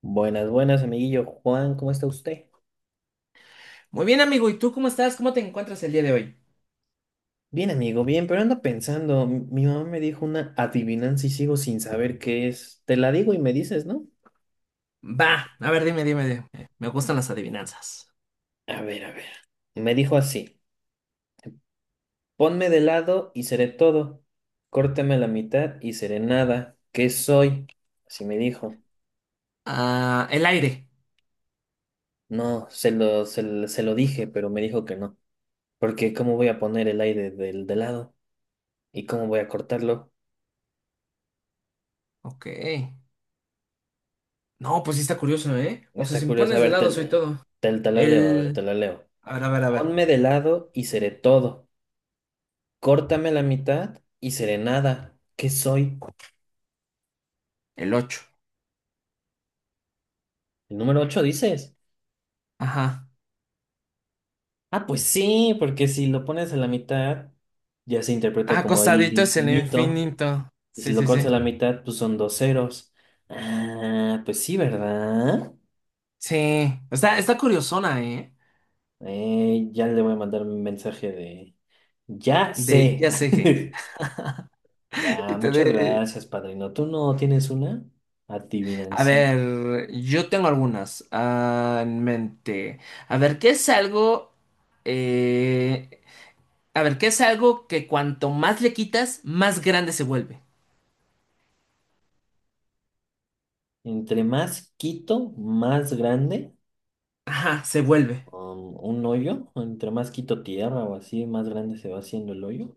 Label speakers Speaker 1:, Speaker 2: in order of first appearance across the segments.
Speaker 1: Buenas, buenas, amiguillo Juan, ¿cómo está usted?
Speaker 2: Muy bien, amigo. ¿Y tú cómo estás? ¿Cómo te encuentras el día de hoy?
Speaker 1: Bien, amigo, bien, pero ando pensando, mi mamá me dijo una adivinanza y sigo sin saber qué es. Te la digo y me dices, ¿no?
Speaker 2: Va, a ver, dime. Me gustan las adivinanzas.
Speaker 1: A ver, a ver. Me dijo así, ponme de lado y seré todo, córtame la mitad y seré nada, ¿qué soy? Así me dijo.
Speaker 2: Ah, el aire.
Speaker 1: No, se lo dije, pero me dijo que no, porque ¿cómo voy a poner el aire del de lado? ¿Y cómo voy a cortarlo?
Speaker 2: Ok. No, pues sí está curioso, ¿eh? O sea,
Speaker 1: Está
Speaker 2: si me
Speaker 1: curioso, a
Speaker 2: pones de
Speaker 1: ver,
Speaker 2: lado
Speaker 1: te,
Speaker 2: soy todo.
Speaker 1: te, te la leo, a ver, te
Speaker 2: El...
Speaker 1: la leo.
Speaker 2: A ver.
Speaker 1: Ponme de lado y seré todo. Córtame la mitad y seré nada. ¿Qué soy?
Speaker 2: El ocho.
Speaker 1: El número 8, dices.
Speaker 2: Ajá.
Speaker 1: Ah, pues sí, porque si lo pones a la mitad, ya se
Speaker 2: Ah,
Speaker 1: interpreta como el
Speaker 2: acostadito es el
Speaker 1: infinito.
Speaker 2: infinito.
Speaker 1: Y si
Speaker 2: Sí,
Speaker 1: lo
Speaker 2: sí,
Speaker 1: cortas a
Speaker 2: sí.
Speaker 1: la mitad, pues son dos ceros. Ah, pues sí, ¿verdad?
Speaker 2: Sí. Está curiosona, ¿eh?
Speaker 1: Ya le voy a mandar un mensaje de... Ya
Speaker 2: De
Speaker 1: sé.
Speaker 2: ya sé, je.
Speaker 1: Ya,
Speaker 2: Y te
Speaker 1: muchas
Speaker 2: de...
Speaker 1: gracias, padrino. ¿Tú no tienes una?
Speaker 2: A
Speaker 1: Adivinancia.
Speaker 2: ver, yo tengo algunas en mente. A ver, ¿qué es algo? eh, a ver, ¿qué es algo que cuanto más le quitas, más grande se vuelve?
Speaker 1: Entre más quito, más grande.
Speaker 2: Ajá, se vuelve.
Speaker 1: Un hoyo, entre más quito tierra o así, más grande se va haciendo el hoyo.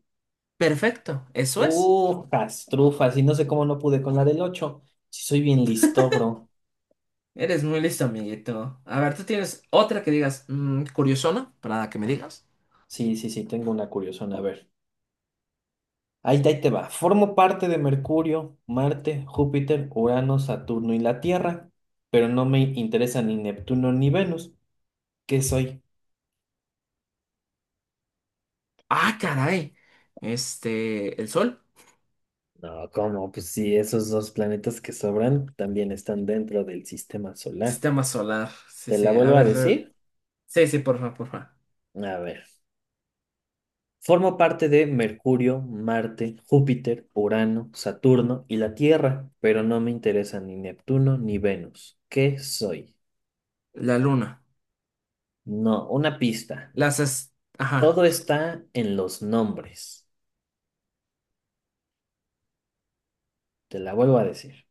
Speaker 2: Perfecto, eso es.
Speaker 1: ¡Uh, castrufas! Y no sé cómo no pude con la del 8. Si soy bien listo, bro.
Speaker 2: Eres muy listo, amiguito. A ver, ¿tú tienes otra que digas curiosona para que me digas?
Speaker 1: Sí, sí, sí, tengo una curiosona. A ver. Ahí, ahí te va. Formo parte de Mercurio, Marte, Júpiter, Urano, Saturno y la Tierra, pero no me interesa ni Neptuno ni Venus. ¿Qué soy?
Speaker 2: Ah, caray. Este, el sol.
Speaker 1: No, ¿cómo? Pues sí, esos dos planetas que sobran también están dentro del sistema solar.
Speaker 2: Sistema solar. Sí,
Speaker 1: ¿Te la
Speaker 2: sí. A
Speaker 1: vuelvo a
Speaker 2: ver.
Speaker 1: decir?
Speaker 2: Sí, sí, porfa, porfa.
Speaker 1: A ver. Forma parte de Mercurio, Marte, Júpiter, Urano, Saturno y la Tierra, pero no me interesan ni Neptuno ni Venus. ¿Qué soy?
Speaker 2: La luna.
Speaker 1: No, una pista.
Speaker 2: Las... es-
Speaker 1: Todo
Speaker 2: Ajá.
Speaker 1: está en los nombres. Te la vuelvo a decir.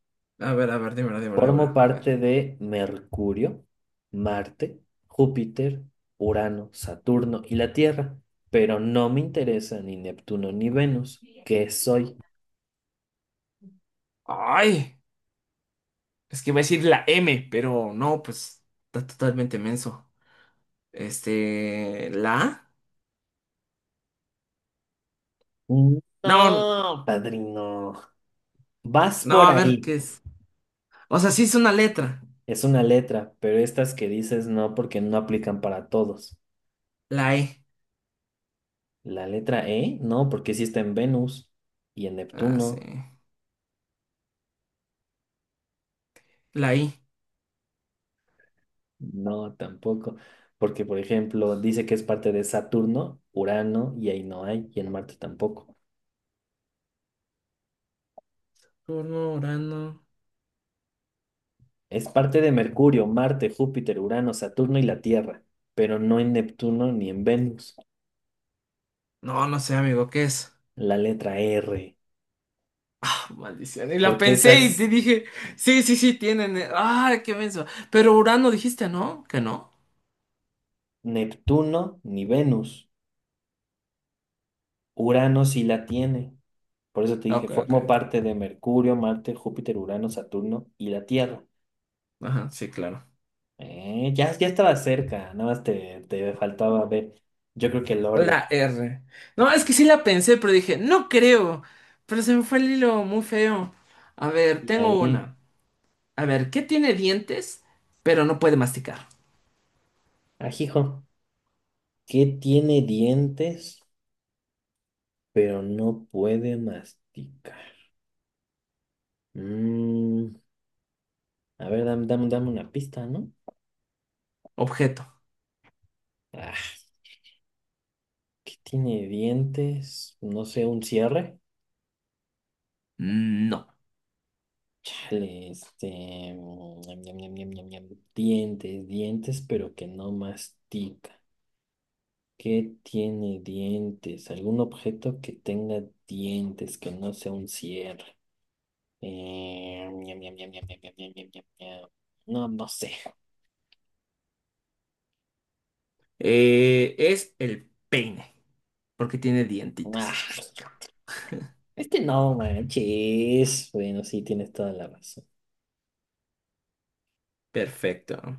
Speaker 2: A ver, dímela.
Speaker 1: Formo
Speaker 2: A ver.
Speaker 1: parte de Mercurio, Marte, Júpiter, Urano, Saturno y la Tierra, pero no me interesan ni Neptuno ni Venus. ¿Qué soy?
Speaker 2: Ay, es que iba a decir la M, pero no, pues. Está totalmente menso. Este. ¿La A? No,
Speaker 1: No, padrino. Vas
Speaker 2: no,
Speaker 1: por
Speaker 2: a ver
Speaker 1: ahí.
Speaker 2: qué es. O sea, sí es una letra.
Speaker 1: Es una letra, pero estas que dices no porque no aplican para todos.
Speaker 2: La E.
Speaker 1: La letra E, no, porque sí está en Venus y en
Speaker 2: Ah, sí.
Speaker 1: Neptuno,
Speaker 2: La I.
Speaker 1: no, tampoco. Porque, por ejemplo, dice que es parte de Saturno, Urano, y ahí no hay, y en Marte tampoco.
Speaker 2: Turno, Urano.
Speaker 1: Es parte de Mercurio, Marte, Júpiter, Urano, Saturno y la Tierra, pero no en Neptuno ni en Venus.
Speaker 2: No, no sé, amigo, ¿qué es?
Speaker 1: La letra R,
Speaker 2: Ah, maldición. Y la
Speaker 1: porque
Speaker 2: pensé y te
Speaker 1: esas
Speaker 2: dije. Sí, sí, sí, tienen. Ah, qué menso. Pero Urano dijiste, ¿no? Que no.
Speaker 1: Neptuno ni Venus. Urano sí la tiene. Por eso te dije,
Speaker 2: Ok, ok.
Speaker 1: formo parte de Mercurio, Marte, Júpiter, Urano, Saturno y la Tierra.
Speaker 2: Ajá, sí, claro.
Speaker 1: Ya, ya estaba cerca, nada más te faltaba ver. Yo creo que el orden.
Speaker 2: La R. No, es que sí la pensé, pero dije, no creo. Pero se me fue el hilo muy feo. A ver,
Speaker 1: Ya
Speaker 2: tengo
Speaker 1: vi.
Speaker 2: una. A ver, ¿qué tiene dientes, pero no puede masticar?
Speaker 1: Ajijo. ¿Qué tiene dientes, pero no puede masticar? Mm, a ver, dame, dame, dame una pista, ¿no?
Speaker 2: Objeto.
Speaker 1: Ah, ¿qué tiene dientes? No sé, un cierre.
Speaker 2: No.
Speaker 1: Chale, este, mm, ñam, ñam, ñam, ñam, ñam, ñam. Dientes, dientes, pero que no mastica. ¿Qué tiene dientes? ¿Algún objeto que tenga dientes, que no sea un cierre? Ñam, ñam, ñam, ñam, ñam, ñam, ñam, ñam, ñam, ñam. No, no sé.
Speaker 2: Es el peine, porque tiene
Speaker 1: Ah,
Speaker 2: dientitos.
Speaker 1: este no manches. Bueno, sí, tienes toda la razón.
Speaker 2: Perfecto.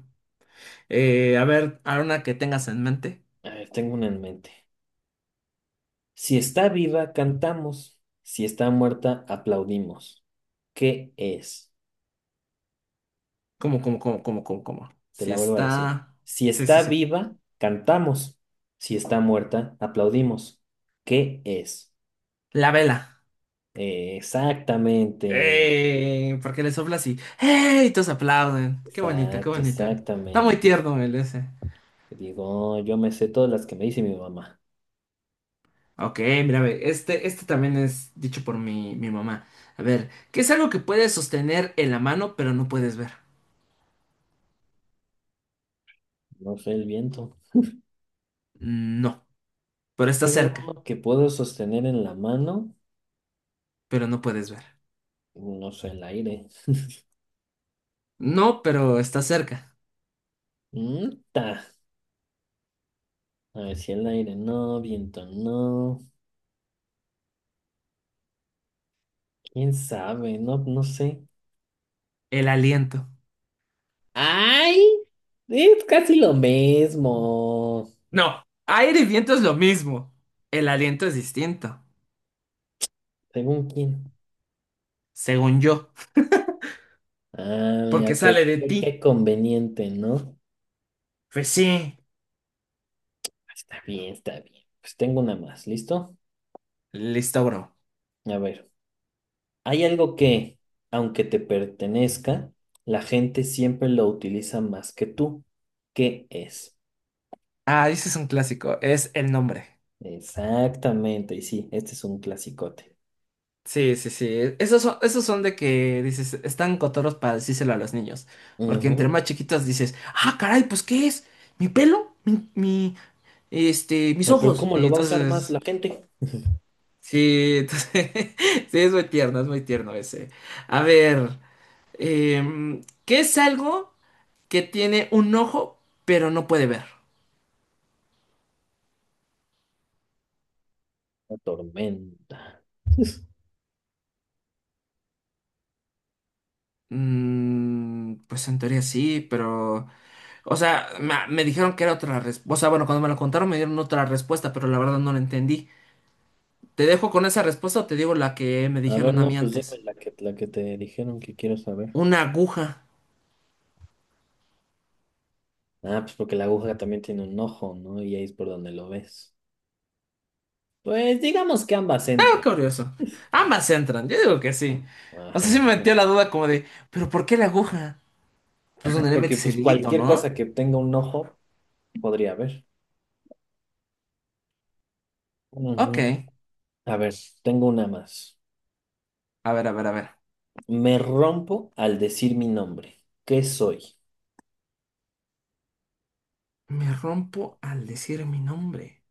Speaker 2: A ver, ahora una que tengas en mente.
Speaker 1: A ver, tengo una en mente. Si está viva, cantamos. Si está muerta, aplaudimos. ¿Qué es?
Speaker 2: Cómo?
Speaker 1: Te
Speaker 2: Si
Speaker 1: la vuelvo a decir.
Speaker 2: está...
Speaker 1: Si
Speaker 2: Sí, sí,
Speaker 1: está
Speaker 2: sí.
Speaker 1: viva, cantamos. Si está muerta, aplaudimos. ¿Qué es?
Speaker 2: La vela.
Speaker 1: Exactamente.
Speaker 2: ¡Ey! Porque le sopla así. ¡Ey! Y todos aplauden. Qué bonito, qué
Speaker 1: Exacto,
Speaker 2: bonito. Está muy
Speaker 1: exactamente.
Speaker 2: tierno el ese.
Speaker 1: Digo, yo me sé todas las que me dice mi mamá.
Speaker 2: Ok, mira, ve, este también es dicho por mi mamá. A ver, ¿qué es algo que puedes sostener en la mano pero no puedes ver?
Speaker 1: No sé el viento.
Speaker 2: No, pero está cerca,
Speaker 1: Algo que puedo sostener en la mano.
Speaker 2: pero no puedes ver.
Speaker 1: No sé el aire.
Speaker 2: No, pero está cerca.
Speaker 1: Mm, ta. A ver si el aire no, viento no. ¿Quién sabe? No, no sé.
Speaker 2: El aliento.
Speaker 1: ¡Ay! Es casi lo mismo.
Speaker 2: No, aire y viento es lo mismo. El aliento es distinto,
Speaker 1: ¿Según quién?
Speaker 2: según yo,
Speaker 1: Ah,
Speaker 2: porque
Speaker 1: mira, qué,
Speaker 2: sale de
Speaker 1: qué,
Speaker 2: ti.
Speaker 1: qué conveniente, ¿no?
Speaker 2: Pues sí.
Speaker 1: Está bien, está bien. Pues tengo una más, ¿listo?
Speaker 2: Listo, bro.
Speaker 1: A ver, hay algo que, aunque te pertenezca, la gente siempre lo utiliza más que tú. ¿Qué es?
Speaker 2: Ah, ese es un clásico, es el nombre.
Speaker 1: Exactamente, y sí, este es un clasicote.
Speaker 2: Sí, sí, sí. Esos son de que dices, están cotorros para decírselo a los niños. Porque entre
Speaker 1: Ujú.
Speaker 2: más chiquitos dices, ah, caray, pues ¿qué es? ¿Mi pelo? Mis
Speaker 1: Pero
Speaker 2: ojos?
Speaker 1: ¿cómo
Speaker 2: Y
Speaker 1: lo va a usar más
Speaker 2: entonces,
Speaker 1: la gente?
Speaker 2: sí, entonces, sí, es muy tierno ese. A ver, ¿qué es algo que tiene un ojo pero no puede ver?
Speaker 1: La tormenta.
Speaker 2: Pues en teoría sí, pero... O sea, dijeron que era otra respuesta. O sea, bueno, cuando me lo contaron me dieron otra respuesta, pero la verdad no la entendí. ¿Te dejo con esa respuesta o te digo la que me
Speaker 1: A ver,
Speaker 2: dijeron a
Speaker 1: no,
Speaker 2: mí
Speaker 1: pues dime
Speaker 2: antes?
Speaker 1: la que te dijeron que quiero saber.
Speaker 2: Una aguja.
Speaker 1: Ah, pues porque la aguja también tiene un ojo, ¿no? Y ahí es por donde lo ves. Pues digamos que ambas
Speaker 2: Ah,
Speaker 1: entran.
Speaker 2: curioso. Ambas entran, yo digo que sí. O
Speaker 1: Ajá,
Speaker 2: sea, sí me metió
Speaker 1: ajá.
Speaker 2: la duda como de, ¿pero por qué la aguja? Pues donde le
Speaker 1: Porque
Speaker 2: metes
Speaker 1: pues
Speaker 2: el hilito,
Speaker 1: cualquier cosa
Speaker 2: ¿no?
Speaker 1: que tenga un ojo podría ver. Ujú.
Speaker 2: Ok.
Speaker 1: A ver, tengo una más.
Speaker 2: A ver.
Speaker 1: Me rompo al decir mi nombre. ¿Qué soy?
Speaker 2: Me rompo al decir mi nombre.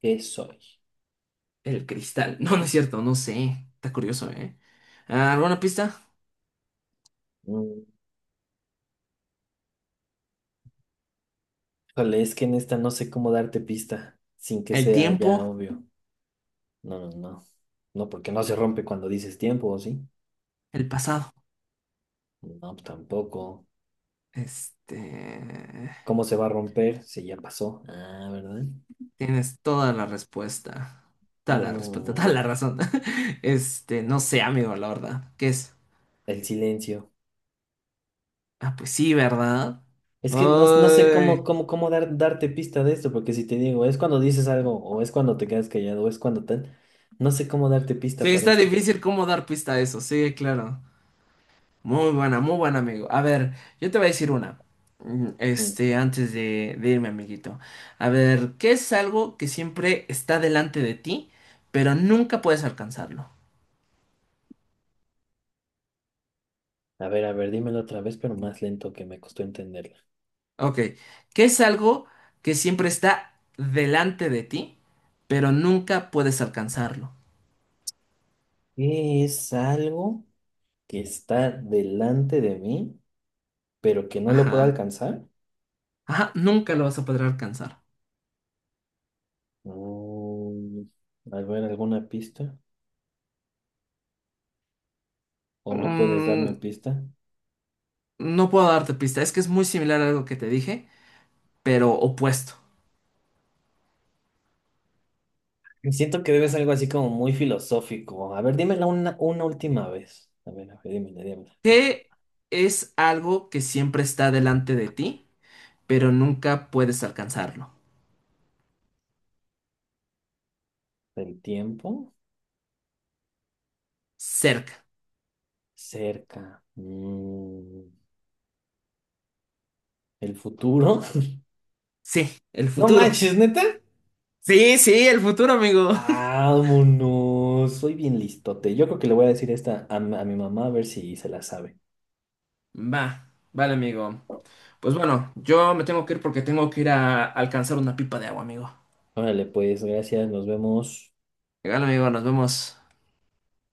Speaker 1: ¿Qué soy?
Speaker 2: El cristal. No, no es cierto, no sé. Está curioso, ¿eh? Ah, ¿alguna pista?
Speaker 1: Mm, Híjole, es que en esta no sé cómo darte pista sin que
Speaker 2: El
Speaker 1: sea ya
Speaker 2: tiempo,
Speaker 1: obvio. No, no, no. No, porque no se rompe cuando dices tiempo, ¿o sí?
Speaker 2: el pasado.
Speaker 1: No, pues, tampoco.
Speaker 2: Este,
Speaker 1: ¿Cómo se va a romper? Si ya pasó. Ah, ¿verdad?
Speaker 2: tienes toda la respuesta. Toda la respuesta, toda
Speaker 1: Mm,
Speaker 2: la razón. Este, no sé, amigo, la verdad. ¿Qué es?
Speaker 1: el silencio.
Speaker 2: Ah, pues sí, ¿verdad?
Speaker 1: Es que no, no sé cómo,
Speaker 2: Ay.
Speaker 1: cómo, cómo darte pista de esto, porque si te digo, es cuando dices algo, o es cuando te quedas callado, o es cuando tal, no sé cómo darte
Speaker 2: Sí,
Speaker 1: pista para
Speaker 2: está
Speaker 1: esto.
Speaker 2: difícil cómo dar pista a eso. Sí, claro. Muy buena, amigo. A ver, yo te voy a decir una.
Speaker 1: Mm,
Speaker 2: Antes de irme, amiguito. A ver, ¿qué es algo que siempre está delante de ti, pero nunca puedes alcanzarlo?
Speaker 1: A ver, dímelo otra vez, pero más lento que me costó entenderla.
Speaker 2: Ok, ¿qué es algo que siempre está delante de ti, pero nunca puedes alcanzarlo?
Speaker 1: ¿Qué es algo que está delante de mí, pero que no lo puedo
Speaker 2: Ajá,
Speaker 1: alcanzar?
Speaker 2: ajá, nunca lo vas a poder alcanzar.
Speaker 1: Mm, a ver, ¿alguna pista? ¿O no puedes darme
Speaker 2: Mm,
Speaker 1: pista?
Speaker 2: no puedo darte pista, es que es muy similar a algo que te dije, pero opuesto.
Speaker 1: Siento que debes algo así como muy filosófico. A ver, dímela una última vez. A ver, dímela, dímela, por favor.
Speaker 2: ¿Qué es algo que siempre está delante de ti, pero nunca puedes alcanzarlo?
Speaker 1: El tiempo
Speaker 2: Cerca.
Speaker 1: cerca. El futuro.
Speaker 2: Sí, el
Speaker 1: No
Speaker 2: futuro.
Speaker 1: manches, neta.
Speaker 2: Sí, sí, el futuro, amigo.
Speaker 1: Vámonos. Soy bien listote. Yo creo que le voy a decir esta a, a mi mamá a ver si se la sabe.
Speaker 2: Va, vale, amigo. Pues bueno, yo me tengo que ir porque tengo que ir a alcanzar una pipa de agua, amigo.
Speaker 1: Órale, pues, gracias. Nos vemos.
Speaker 2: Legal, amigo, nos vemos.